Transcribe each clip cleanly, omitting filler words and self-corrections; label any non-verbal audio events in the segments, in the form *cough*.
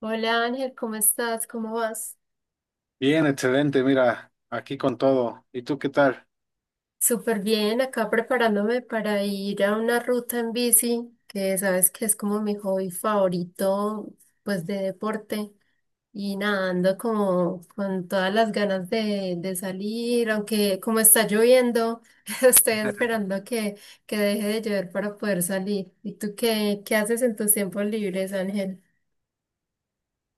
Hola Ángel, ¿cómo estás? ¿Cómo vas? Bien, excelente, mira, aquí con todo. ¿Y tú qué tal? Súper bien, acá preparándome para ir a una ruta en bici, que sabes que es como mi hobby favorito, pues de deporte. Y nada, ando como con todas las ganas de salir, aunque como está lloviendo, *laughs* estoy esperando que deje de llover para poder salir. ¿Y tú qué haces en tus tiempos libres, Ángel?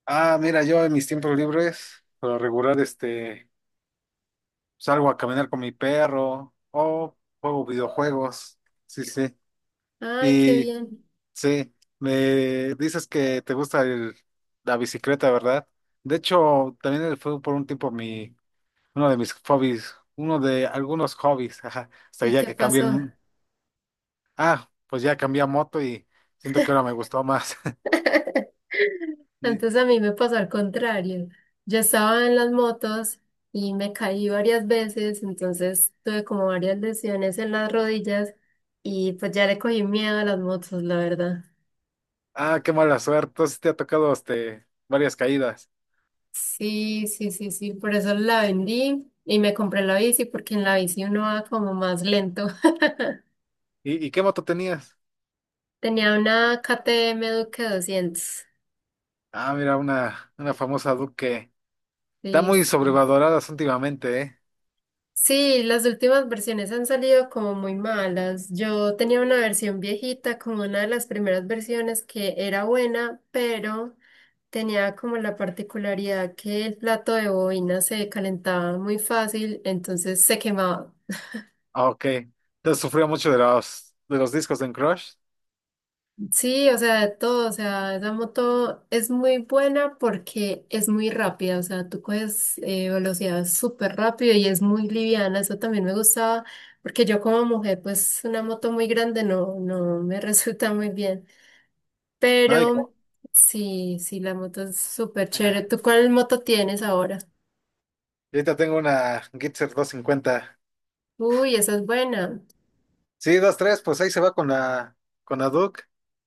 Ah, mira, yo en mis tiempos libres, por lo regular, salgo a caminar con mi perro o juego videojuegos. Sí, sí. Ay, qué Y bien. sí, me dices que te gusta la bicicleta, ¿verdad? De hecho, también fue por un tiempo uno de mis hobbies, uno de algunos hobbies, *laughs* ajá, hasta ¿Y ya qué que pasó? Ah, pues ya cambié a moto y siento que ahora me gustó más. *laughs* *laughs* *laughs* Entonces a mí me pasó al contrario. Yo estaba en las motos y me caí varias veces, entonces tuve como varias lesiones en las rodillas y pues ya le cogí miedo a las motos, la verdad. Ah, qué mala suerte. Entonces te ha tocado varias caídas. Sí, sí, sí, sí, por eso la vendí y me compré la bici porque en la bici uno va como más lento. *laughs* ¿Y qué moto tenías? Tenía una KTM Duke 200. Ah, mira, una famosa Duke. Está Sí, muy sí. sobrevaloradas últimamente, ¿eh? Sí, las últimas versiones han salido como muy malas. Yo tenía una versión viejita, como una de las primeras versiones que era buena, pero tenía como la particularidad que el plato de bobina se calentaba muy fácil, entonces se quemaba. Ah, ok. Entonces sufrió mucho de los discos en Crush. Sí, o sea, de todo, o sea, esa moto es muy buena porque es muy rápida, o sea, tú coges velocidad súper rápido y es muy liviana, eso también me gustaba, porque yo como mujer, pues una moto muy grande no, no me *laughs* resulta muy bien, No, pero sí, sí, la moto es súper chévere. *laughs* y ¿Tú cuál moto tienes ahora? ahorita tengo una Gitzer 250. Uy, esa es buena. Sí, dos tres, pues ahí se va con la Duke.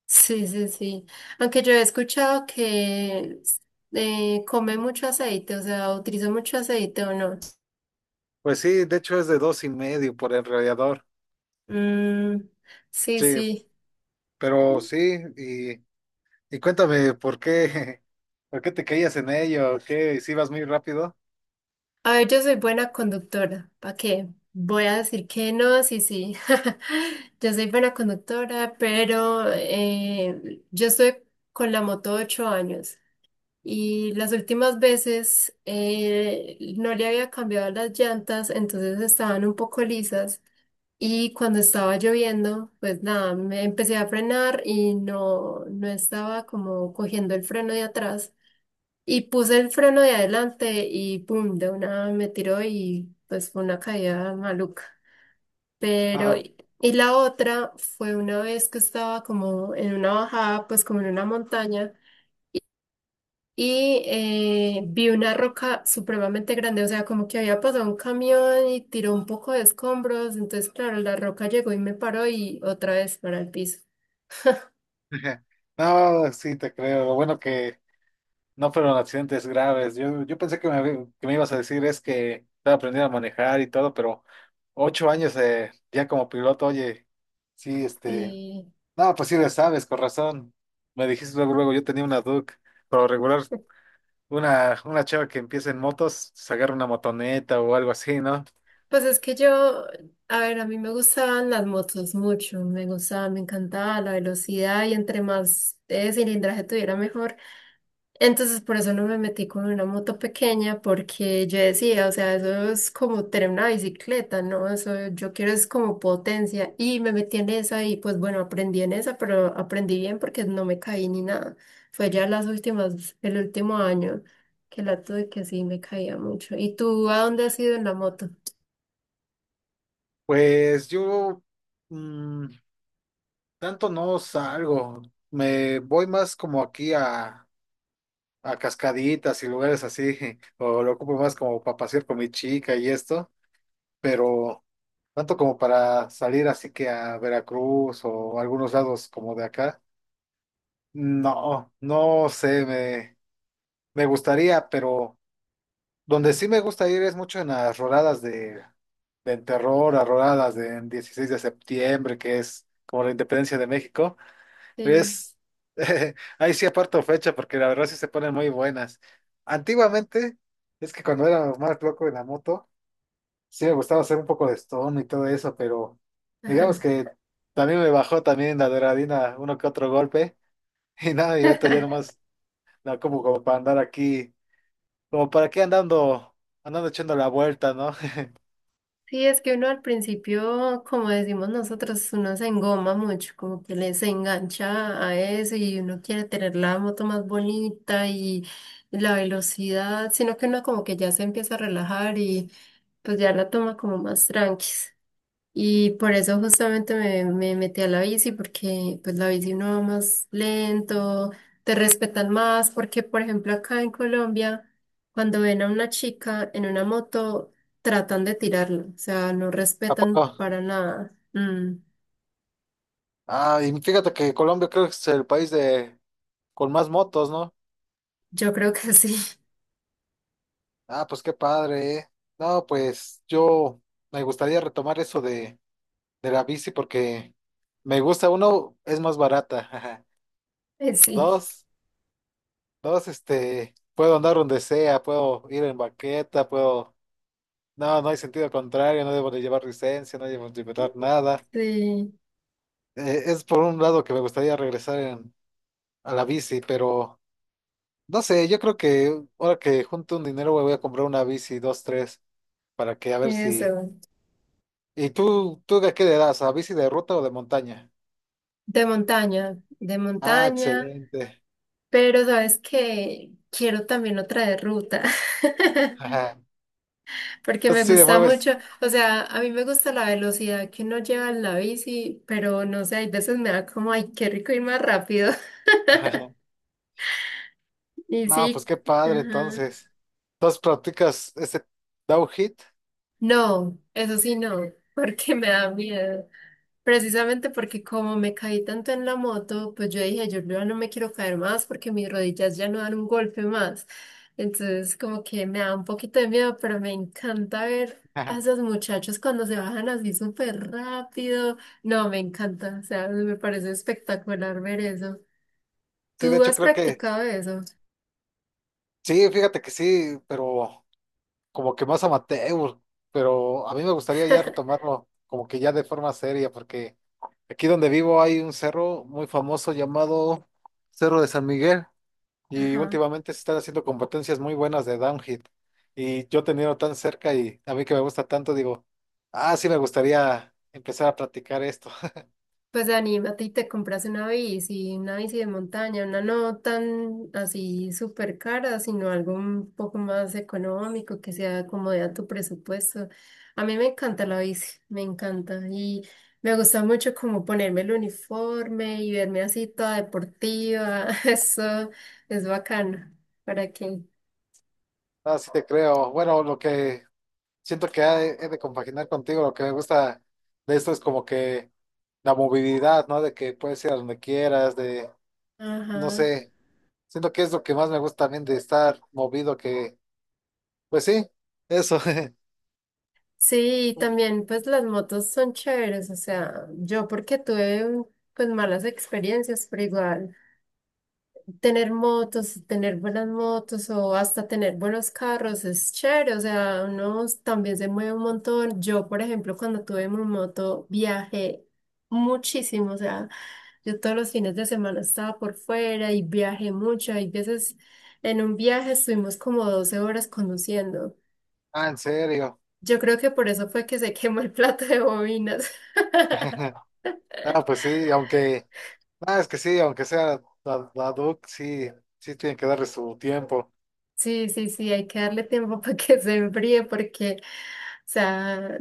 Sí, sí, sí. Aunque yo he escuchado que come mucho aceite, o sea, utiliza mucho aceite o no. Pues sí, de hecho es de dos y medio por el radiador. Mm, sí, Sí, sí, sí. pero sí, y. Y cuéntame, ¿por qué, *laughs* por qué te caías en ello? ¿Qué, si ibas muy rápido? A ver, yo soy buena conductora. ¿Para qué? Voy a decir que no, sí, sí. *laughs* Yo soy buena conductora, pero yo estoy con la moto 8 años y las últimas veces no le había cambiado las llantas, entonces estaban un poco lisas. Y cuando estaba lloviendo, pues nada, me empecé a frenar y no, no estaba como cogiendo el freno de atrás. Y puse el freno de adelante y pum, de una me tiró y pues fue una caída maluca. Pero, Ah, y la otra fue una vez que estaba como en una bajada, pues como en una montaña, y vi una roca supremamente grande, o sea, como que había pasado un camión y tiró un poco de escombros, entonces claro, la roca llegó y me paró y otra vez para el piso. *laughs* no, sí te creo. Lo bueno que no fueron accidentes graves. Yo pensé que que me ibas a decir es que estaba aprendiendo a manejar y todo, pero 8 años ya como piloto, oye, sí, Y... no, pues sí le sabes, con razón. Me dijiste luego, luego, yo tenía una Duke, pero regular, una chava que empieza en motos, se agarra una motoneta o algo así, ¿no? Pues es que yo, a ver, a mí me gustaban las motos mucho, me gustaba, me encantaba la velocidad y entre más cilindraje tuviera mejor. Entonces por eso no me metí con una moto pequeña porque yo decía, o sea, eso es como tener una bicicleta, ¿no? Eso yo quiero es como potencia y me metí en esa y pues bueno, aprendí en esa, pero aprendí bien porque no me caí ni nada. Fue ya las últimas, el último año que la tuve que sí me caía mucho. ¿Y tú a dónde has ido en la moto? Pues yo mm, tanto no salgo. Me voy más como aquí a cascaditas y lugares así, *laughs* o lo ocupo más como para pasear con mi chica y esto. Pero tanto como para salir así que a Veracruz o algunos lados como de acá, no, no sé, me gustaría, pero donde sí me gusta ir es mucho en las rodadas de terror, a rodadas de 16 de septiembre, que es como la independencia de México. Sí. Es, *laughs* ahí sí aparto fecha porque la verdad sí se ponen muy buenas. Antiguamente, es que cuando era más loco en la moto, sí me gustaba hacer un poco de stone y todo eso, pero *laughs* digamos Ajá. que también me bajó también la adrenalina uno que otro golpe. *laughs* Y nada, y ahorita ya nomás, no, como para andar aquí, como para aquí andando echando la vuelta, ¿no? Sí, es que uno al principio, como decimos nosotros, uno se engoma mucho, como que les engancha a eso y uno quiere tener la moto más bonita y la velocidad, sino que uno como que ya se empieza a relajar y pues ya la toma como más tranqui. Y por eso justamente me metí a la bici, porque pues la bici uno va más lento, te respetan más, porque por ejemplo acá en Colombia, cuando ven a una chica en una moto, tratan de tirarla, o sea, no *laughs* ¿A respetan poco? para nada. Ah, y fíjate que Colombia creo que es el país de, con más motos, ¿no? Yo creo que sí, Ah, pues qué padre, ¿eh? No, pues yo me gustaría retomar eso de la bici porque me gusta. Uno, es más barata, ajá. *laughs* Sí, Dos, dos, puedo andar donde sea, puedo ir en baqueta, puedo, no, no hay sentido contrario, no debo de llevar licencia, no debo de llevar nada. sí, Es por un lado que me gustaría regresar a la bici, pero no sé, yo creo que ahora que junto un dinero me voy a comprar una bici, dos, tres, para que a ver si. eso. ¿Y tú de qué le das? ¿A bici de ruta o de montaña? De Ah, montaña, excelente. pero sabes que quiero también otra de ruta. *laughs* Ajá. Porque me Entonces sí le gusta mucho, mueves. o sea, a mí me gusta la velocidad que uno lleva en la bici, pero no sé, hay veces me da como, ay, qué rico ir más rápido. Ajá. *laughs* Y No, pues sí, qué padre ajá. entonces. Entonces practicas ese downhill. No, eso sí no, porque me da miedo. Precisamente porque como me caí tanto en la moto, pues yo dije, yo ya no me quiero caer más porque mis rodillas ya no dan un golpe más. Entonces como que me da un poquito de miedo, pero me encanta ver a Ajá. esos muchachos cuando se bajan así súper rápido. No, me encanta, o sea, me parece espectacular ver eso. Sí, de ¿Tú hecho has creo que, practicado eso? sí, fíjate que sí, pero como que más amateur, pero a mí me gustaría ya *laughs* retomarlo como que ya de forma seria, porque aquí donde vivo hay un cerro muy famoso llamado Cerro de San Miguel. Y Ajá. últimamente se están haciendo competencias muy buenas de downhill. Y yo teniendo tan cerca y a mí que me gusta tanto, digo, ah, sí me gustaría empezar a practicar esto. *laughs* Pues anímate y te compras una bici de montaña, una no tan así súper cara, sino algo un poco más económico, que sea acomode a tu presupuesto. A mí me encanta la bici, me encanta y me gusta mucho como ponerme el uniforme y verme así toda deportiva, *laughs* eso es bacano, ¿para qué? Ah, sí te creo. Bueno, lo que siento que he de compaginar contigo, lo que me gusta de esto es como que la movilidad, ¿no? De que puedes ir a donde quieras, de, no Ajá. sé, siento que es lo que más me gusta también de estar movido, que, pues sí, eso. *laughs* Sí, y también pues las motos son chéveres, o sea, yo porque tuve pues malas experiencias, pero igual. Tener motos, tener buenas motos o hasta tener buenos carros es chévere, o sea, uno también se mueve un montón. Yo, por ejemplo, cuando tuve mi moto, viajé muchísimo, o sea, yo todos los fines de semana estaba por fuera y viajé mucho. Hay veces en un viaje estuvimos como 12 horas conduciendo. Ah, en serio. Yo creo que por eso fue que se *laughs* quemó el plato de bobinas. *laughs* *laughs* Ah, pues sí, aunque. Ah, es que sí, aunque sea la Duke, sí, sí tienen que darle su tiempo. Sí, sí, sí, hay que darle tiempo *laughs* para que se enfríe porque, o sea,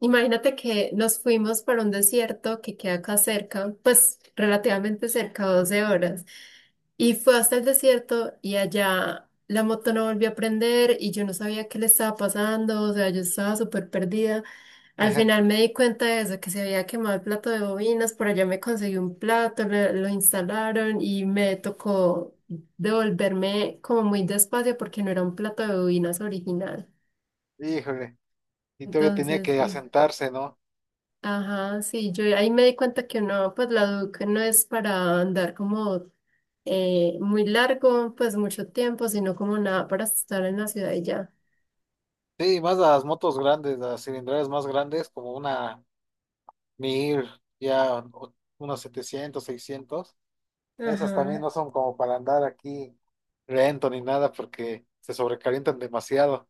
imagínate que nos fuimos para un desierto que queda acá cerca, pues relativamente cerca, 12 horas, y fue hasta el desierto y allá la moto no volvió a prender y yo no sabía qué le estaba pasando, o sea, yo estaba súper perdida. Al final *laughs* me di cuenta de eso, que se había quemado el plato de bobinas, por allá me conseguí un plato, lo instalaron y me tocó devolverme como muy despacio porque no era un plato de bobinas original. Híjole, y todavía tenía Entonces, que sí. asentarse, ¿no? Ajá, sí, yo ahí me di cuenta que uno, pues la Duke no es para andar como muy largo, pues mucho tiempo, sino como nada para estar en la ciudad y ya. Sí, más las motos grandes, las cilindradas más grandes, como una 1000 ya unos 700 600. Esas también Ajá. no son como para andar aquí lento ni nada porque se sobrecalientan demasiado.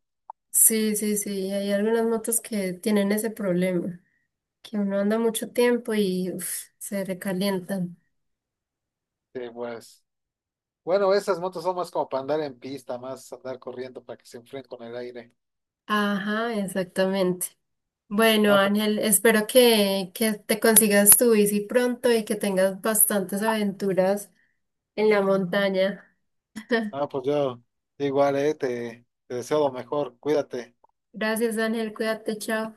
Sí, sí, sí, hay algunas motos que tienen ese problema. Que uno anda mucho tiempo y uf, se recalientan. Sí, pues, bueno, esas motos son más como para andar en pista, más andar corriendo para que se enfríen con el aire. Ajá, exactamente. Bueno, No, Ángel, espero que te consigas tu bici pronto y que tengas bastantes aventuras en la montaña. ah, pues yo igual, te deseo lo mejor, cuídate. Gracias, Ángel, cuídate, chao.